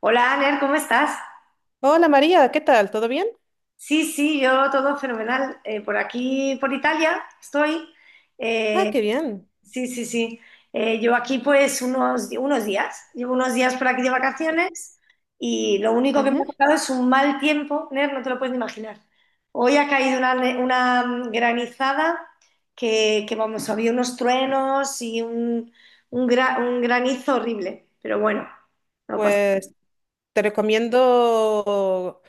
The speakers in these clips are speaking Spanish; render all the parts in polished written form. Hola, Aner, ¿cómo estás? Hola María, ¿qué tal? ¿Todo bien? Sí, sí, yo todo fenomenal. Por aquí, por Italia, estoy. Ah, Eh, qué bien. sí, sí, sí. Yo aquí pues llevo unos días por aquí de vacaciones y lo único que me ha Ujú. tocado es un mal tiempo, Ner, no te lo puedes ni imaginar. Hoy ha caído una granizada que, vamos, había unos truenos y un granizo horrible, pero bueno, no pasa. Pues te recomiendo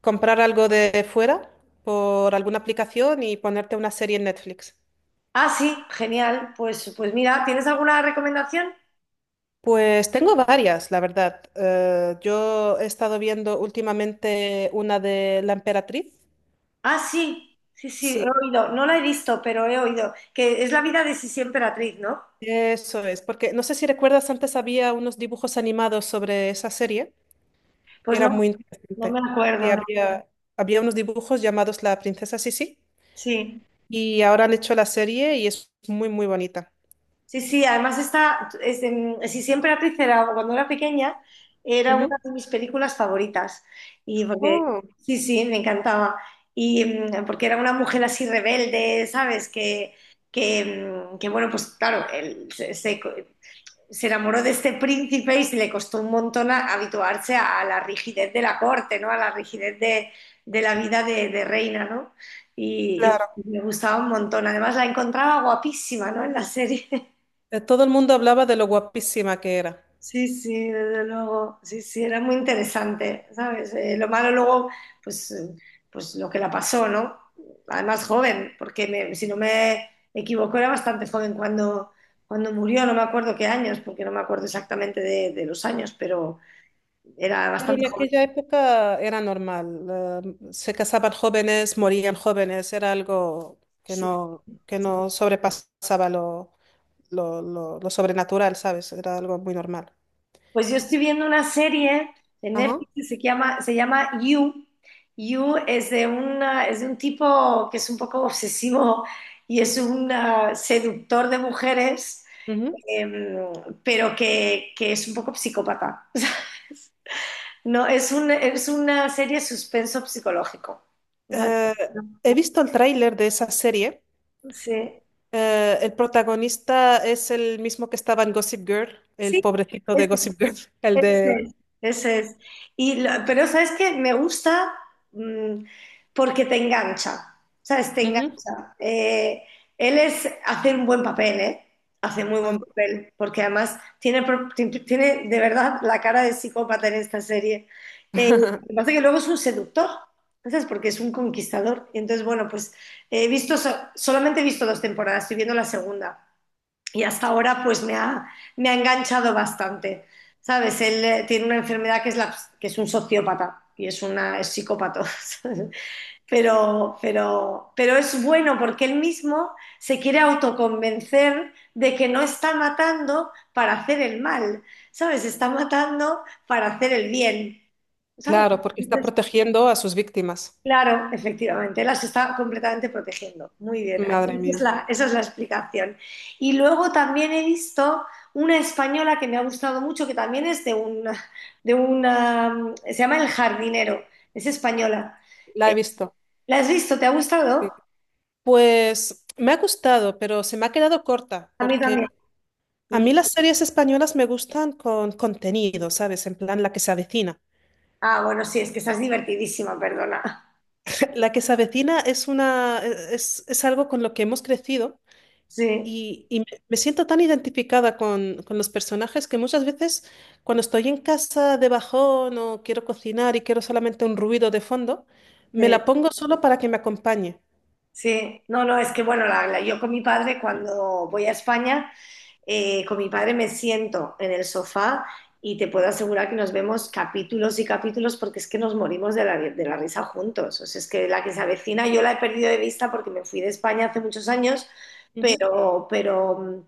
comprar algo de fuera por alguna aplicación y ponerte una serie en Netflix. Ah, sí, genial. Pues mira, ¿tienes alguna recomendación? Pues tengo varias, la verdad. Yo he estado viendo últimamente una de La Emperatriz. Ah, sí, sí, sí, he Sí, oído. No la he visto, pero he oído. Que es la vida de Sisi Emperatriz, ¿no? eso es, porque no sé si recuerdas, antes había unos dibujos animados sobre esa serie. Pues Era no, muy no me interesante. Y acuerdo, no. había, había unos dibujos llamados La Princesa Sisi. Sí, Y ahora han hecho la serie y es muy, muy bonita. sí, sí. Además Sisi Emperatriz era, cuando era pequeña, era una Ujú. de mis películas favoritas. Y porque, Oh, sí, sí, me encantaba. Porque era una mujer así rebelde, ¿sabes? Que, que bueno, pues claro, él se enamoró de este príncipe y le costó un montón habituarse a la rigidez de la corte, ¿no? A la rigidez de la vida de reina, ¿no? Y, claro. y me gustaba un montón. Además, la encontraba guapísima, ¿no? En la serie. Todo el mundo hablaba de lo guapísima que era, Sí, sí, desde luego. Sí, sí, era muy interesante, ¿sabes? Lo malo luego, pues, eh, pues lo que la pasó, ¿no? Además, joven, porque si no me equivoco, era bastante joven cuando murió, no me acuerdo qué años, porque no me acuerdo exactamente de los años, pero era pero bastante en joven. aquella época era normal. Se casaban jóvenes, morían jóvenes, era algo Sí. Que no sobrepasaba lo sobrenatural, ¿sabes? Era algo muy normal. Pues yo estoy viendo una serie en Ajá. Netflix que se llama You. You es de un tipo que es un poco obsesivo y es un seductor de mujeres, Ujú. em, pero que es un poco psicópata. No, es una serie suspenso psicológico. O sea, Eh, He visto el tráiler de esa serie. sí, El protagonista es el mismo que estaba en Gossip Girl, el sí, pobrecito de es- Gossip Girl, el Ese de... es, ese es. Pero sabes que me gusta, mm, porque te engancha, ¿sabes? Te Ujú, engancha. Hace un buen papel, ¿eh? Hace muy ajá. buen papel, porque además tiene de verdad la cara de psicópata en esta serie. Eh, lo que pasa es que luego es un seductor, ¿sabes? Porque es un conquistador. Y entonces, bueno, pues solamente he visto dos temporadas, estoy viendo la segunda y hasta ahora pues me ha enganchado bastante. ¿Sabes? Él tiene una enfermedad que es un sociópata y es psicópata. ¿Sabes? Pero es bueno porque él mismo se quiere autoconvencer de que no está matando para hacer el mal, ¿sabes? Está matando para hacer el bien, ¿sabes? Claro, porque está protegiendo a sus víctimas. Claro, efectivamente, las está completamente protegiendo. Muy bien, esa Madre es mía, la, esa es la explicación. Y luego también he visto una española que me ha gustado mucho, que también es de una, se llama El Jardinero, es española. la Eh, he visto. ¿La has visto? ¿Te ha gustado? Sí. Pues me ha gustado, pero se me ha quedado corta, A mí porque también. a Mm. mí las series españolas me gustan con contenido, ¿sabes? En plan, la que se avecina. Ah, bueno, sí, es que estás divertidísima, perdona. La que se avecina es es algo con lo que hemos crecido. Sí, Y me siento tan identificada con los personajes que muchas veces cuando estoy en casa de bajón o quiero cocinar y quiero solamente un ruido de fondo, me sí, la pongo solo para que me acompañe. sí. No, no, es que bueno, yo con mi padre cuando voy a España. Con mi padre me siento en el sofá y te puedo asegurar que nos vemos capítulos y capítulos porque es que nos morimos de la risa juntos. O sea, es que la que se avecina yo la he perdido de vista porque me fui de España hace muchos años, Ujú. pero, pero,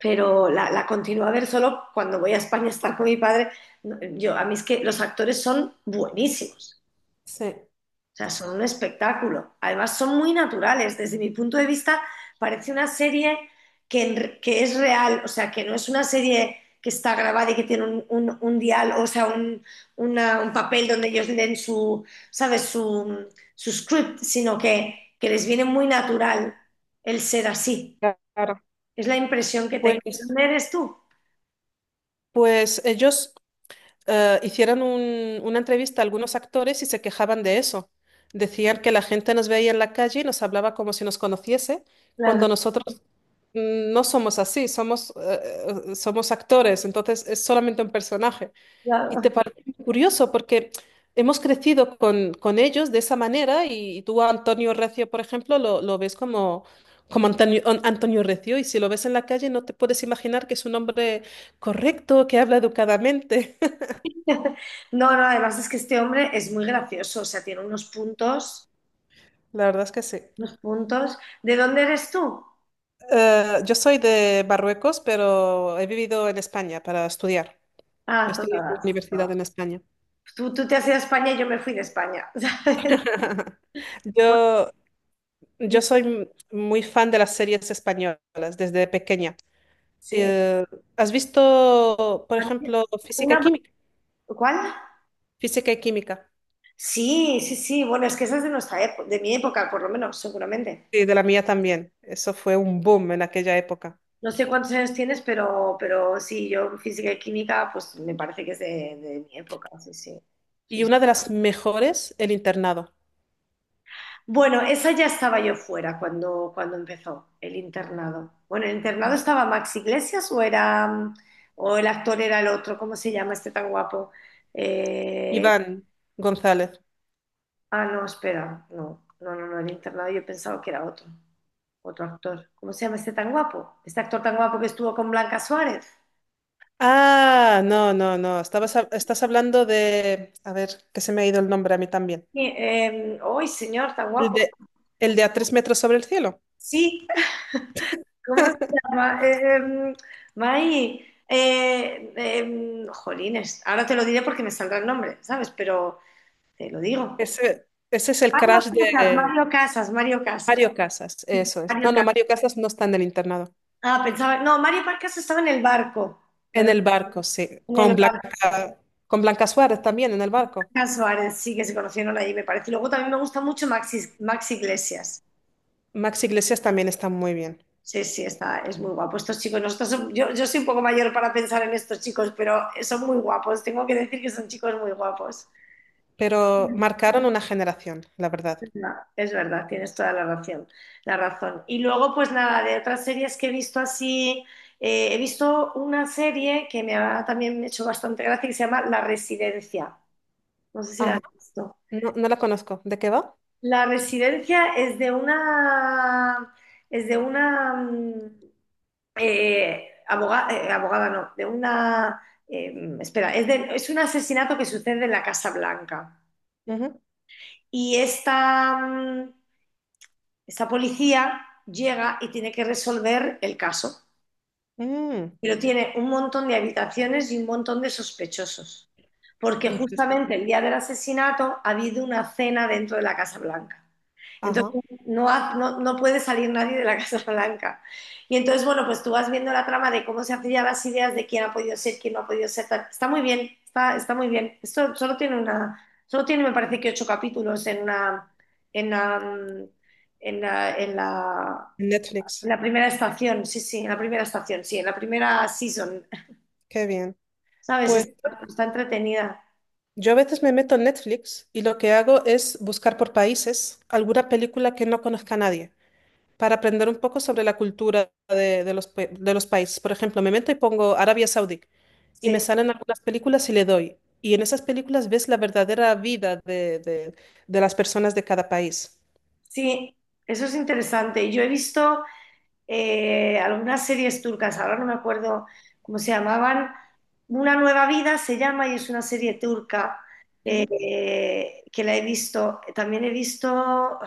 pero la continúo a ver solo cuando voy a España a estar con mi padre. No, a mí es que los actores son buenísimos. Sí. O sea, son un espectáculo. Además, son muy naturales. Desde mi punto de vista, parece una serie que es real, o sea, que no es una serie que está grabada y que tiene un dial, o sea, un papel donde ellos leen su, ¿sabes? Su script, sino que les viene muy natural el ser así. Claro. Es la impresión que tengo. Pues, ¿Dónde eres tú? pues ellos hicieron una entrevista a algunos actores y se quejaban de eso. Decían que la gente nos veía en la calle y nos hablaba como si nos conociese, Claro, cuando nosotros no somos así, somos actores, entonces es solamente un personaje. Y claro. te parece curioso porque hemos crecido con ellos de esa manera y, tú a Antonio Recio, por ejemplo, lo ves como, como Antonio, Antonio Recio, y si lo ves en la calle no te puedes imaginar que es un hombre correcto, que habla educadamente. No, no, además es que este hombre es muy gracioso, o sea, tiene unos puntos, La verdad es que sí. unos puntos. ¿De dónde eres tú? Yo soy de Marruecos, pero he vivido en España para estudiar. Ah, Estudié en la todas. universidad No. en España. Tú te has ido a España y yo me fui de España, ¿sabes? Pues, Yo, Yo soy muy fan de las series españolas desde pequeña. sí. Eh, ¿Has visto, por ejemplo, Física y Una- Química? ¿Cuál? Física y Química. Sí, sí, sí. Bueno, es que esa es de nuestra época, de mi época, por lo menos, seguramente. Sí, de la mía también. Eso fue un boom en aquella época. No sé cuántos años tienes, pero sí, yo física y química, pues me parece que es de mi época. Sí, sí. Sí, Y una de las mejores, El Internado. bueno, esa ya estaba yo fuera cuando empezó el internado. Bueno, el internado estaba Max Iglesias o era o el actor era el otro, ¿cómo se llama este tan guapo? Eh, Iván González. No, espera, no, no, no, no, el internado yo pensaba que era otro actor. ¿Cómo se llama este tan guapo? Este actor tan guapo que estuvo con Blanca Suárez. Ah, no, no, no. Estás hablando de... A ver, que se me ha ido el nombre a mí también. Sí, ¡Ay, señor, tan El guapo! de, el de A tres metros sobre el cielo. Sí, ¿cómo se llama? Mai, jolines, ahora te lo diré porque me saldrá el nombre, ¿sabes? Pero te lo digo. Ese es el Mario crash Casas, de... Mario Casas, Mario Casas. Mario Casas, Sí, eso es. No, Mario no, Casas. Mario Casas no está en el internado. Ah, pensaba, no, Mario Casas estaba en el barco, En ¿verdad? el barco, sí. En el barco Con Blanca Suárez también en el barco. Cas Suárez, sí que se conocieron ahí, me parece. Y luego también me gusta mucho Maxi, Maxi Iglesias. Max Iglesias también está muy bien. Sí, sí, es muy guapo. Estos chicos, nosotros, yo soy un poco mayor para pensar en estos chicos, pero son muy guapos. Tengo que decir que son chicos muy guapos. Pero marcaron una generación, la verdad. No, es verdad, tienes toda la razón, la razón. Y luego, pues nada, de otras series que he visto así, he visto una serie que me ha también hecho bastante gracia que se llama La Residencia. No sé si la Ajá. has visto. No, no la conozco. ¿De qué va? La Residencia es de una abogada, no, de una, eh, espera, es un asesinato que sucede en la Casa Blanca. Ujú. Y esta, mm, Esta policía llega y tiene que resolver el caso, Mm, pero tiene un montón de habitaciones y un montón de sospechosos, porque interesante. justamente el día del asesinato ha habido una cena dentro de la Casa Blanca. Entonces Ajá. no puede salir nadie de la Casa Blanca. Y entonces, bueno, pues tú vas viendo la trama de cómo se hacían las ideas de quién ha podido ser, quién no ha podido ser, tal. Está muy bien, está muy bien. Esto solo tiene solo tiene, me parece que ocho capítulos en una, en la, en la, en la en Netflix. la primera estación, sí, sí, en la primera estación, sí, en la primera season, Qué bien. ¿sabes? Pues Está entretenida. yo a veces me meto en Netflix y lo que hago es buscar por países alguna película que no conozca nadie, para aprender un poco sobre la cultura de los países. Por ejemplo, me meto y pongo Arabia Saudí y me Sí, salen algunas películas y le doy. Y en esas películas ves la verdadera vida de las personas de cada país. sí, eso es interesante. Yo he visto algunas series turcas, ahora no me acuerdo cómo se llamaban. Una nueva vida se llama y es una serie turca Ujú. Que la he visto. También he visto.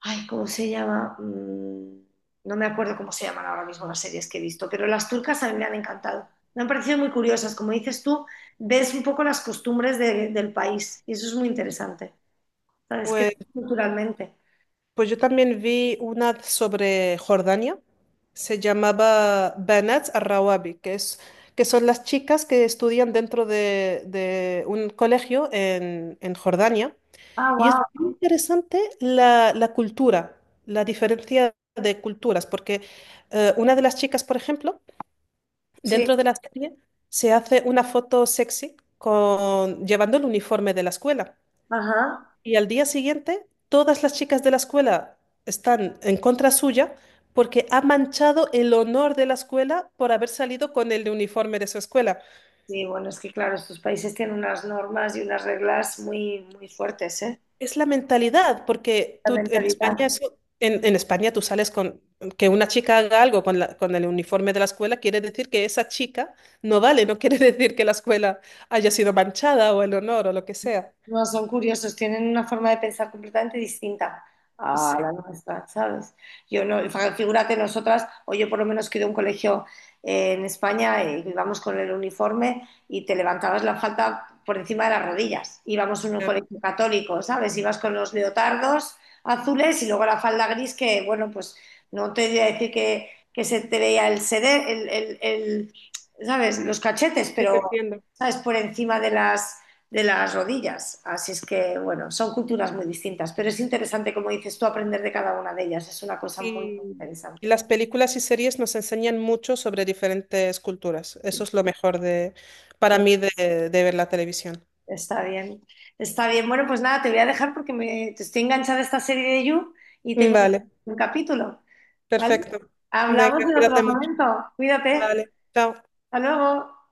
Ay, ¿cómo se llama? No me acuerdo cómo se llaman ahora mismo las series que he visto, pero las turcas a mí me han encantado. Me han parecido muy curiosas. Como dices tú, ves un poco las costumbres del país y eso es muy interesante. ¿Sabes? Que Pues culturalmente. Pues yo también vi una sobre Jordania, se llamaba Banat al-Rawabi, que son las chicas que estudian dentro de un colegio en Jordania. Ah, Y es wow. muy interesante la, la cultura, la diferencia de culturas, porque una de las chicas, por ejemplo, Sí. dentro de la serie se hace una foto sexy con, llevando el uniforme de la escuela. Ajá. Y al día siguiente, todas las chicas de la escuela están en contra suya porque ha manchado el honor de la escuela por haber salido con el uniforme de su escuela. Sí, bueno, es que claro, estos países tienen unas normas y unas reglas muy, muy fuertes, ¿eh? Es la mentalidad, porque La tú en mentalidad. España, en España tú sales con que una chica haga algo con el uniforme de la escuela, quiere decir que esa chica no vale, no quiere decir que la escuela haya sido manchada o el honor o lo que sea. No, son curiosos, tienen una forma de pensar completamente distinta a Sí, la nuestra, ¿sabes? Yo no, figúrate nosotras, o yo por lo menos que de un colegio en España, íbamos con el uniforme y te levantabas la falda por encima de las rodillas. Íbamos en un claro, colegio católico, ¿sabes? Ibas con los leotardos azules y luego la falda gris que, bueno, pues no te voy a decir que se te veía el sede, ¿sabes? Los cachetes, sí, te pero, entiendo. ¿sabes? Por encima de las rodillas. Así es que, bueno, son culturas muy distintas, pero es interesante, como dices tú, aprender de cada una de ellas. Es una cosa muy, Y muy y interesante. las películas y series nos enseñan mucho sobre diferentes culturas. Eso es lo mejor para Bueno, mí, de ver la televisión. está bien, está bien. Bueno, pues nada, te voy a dejar porque me estoy enganchada a esta serie de You y tengo Vale, un capítulo, ¿vale? perfecto. Hablamos Venga, en otro cuídate mucho. momento. Cuídate. Vale, chao. Hasta luego.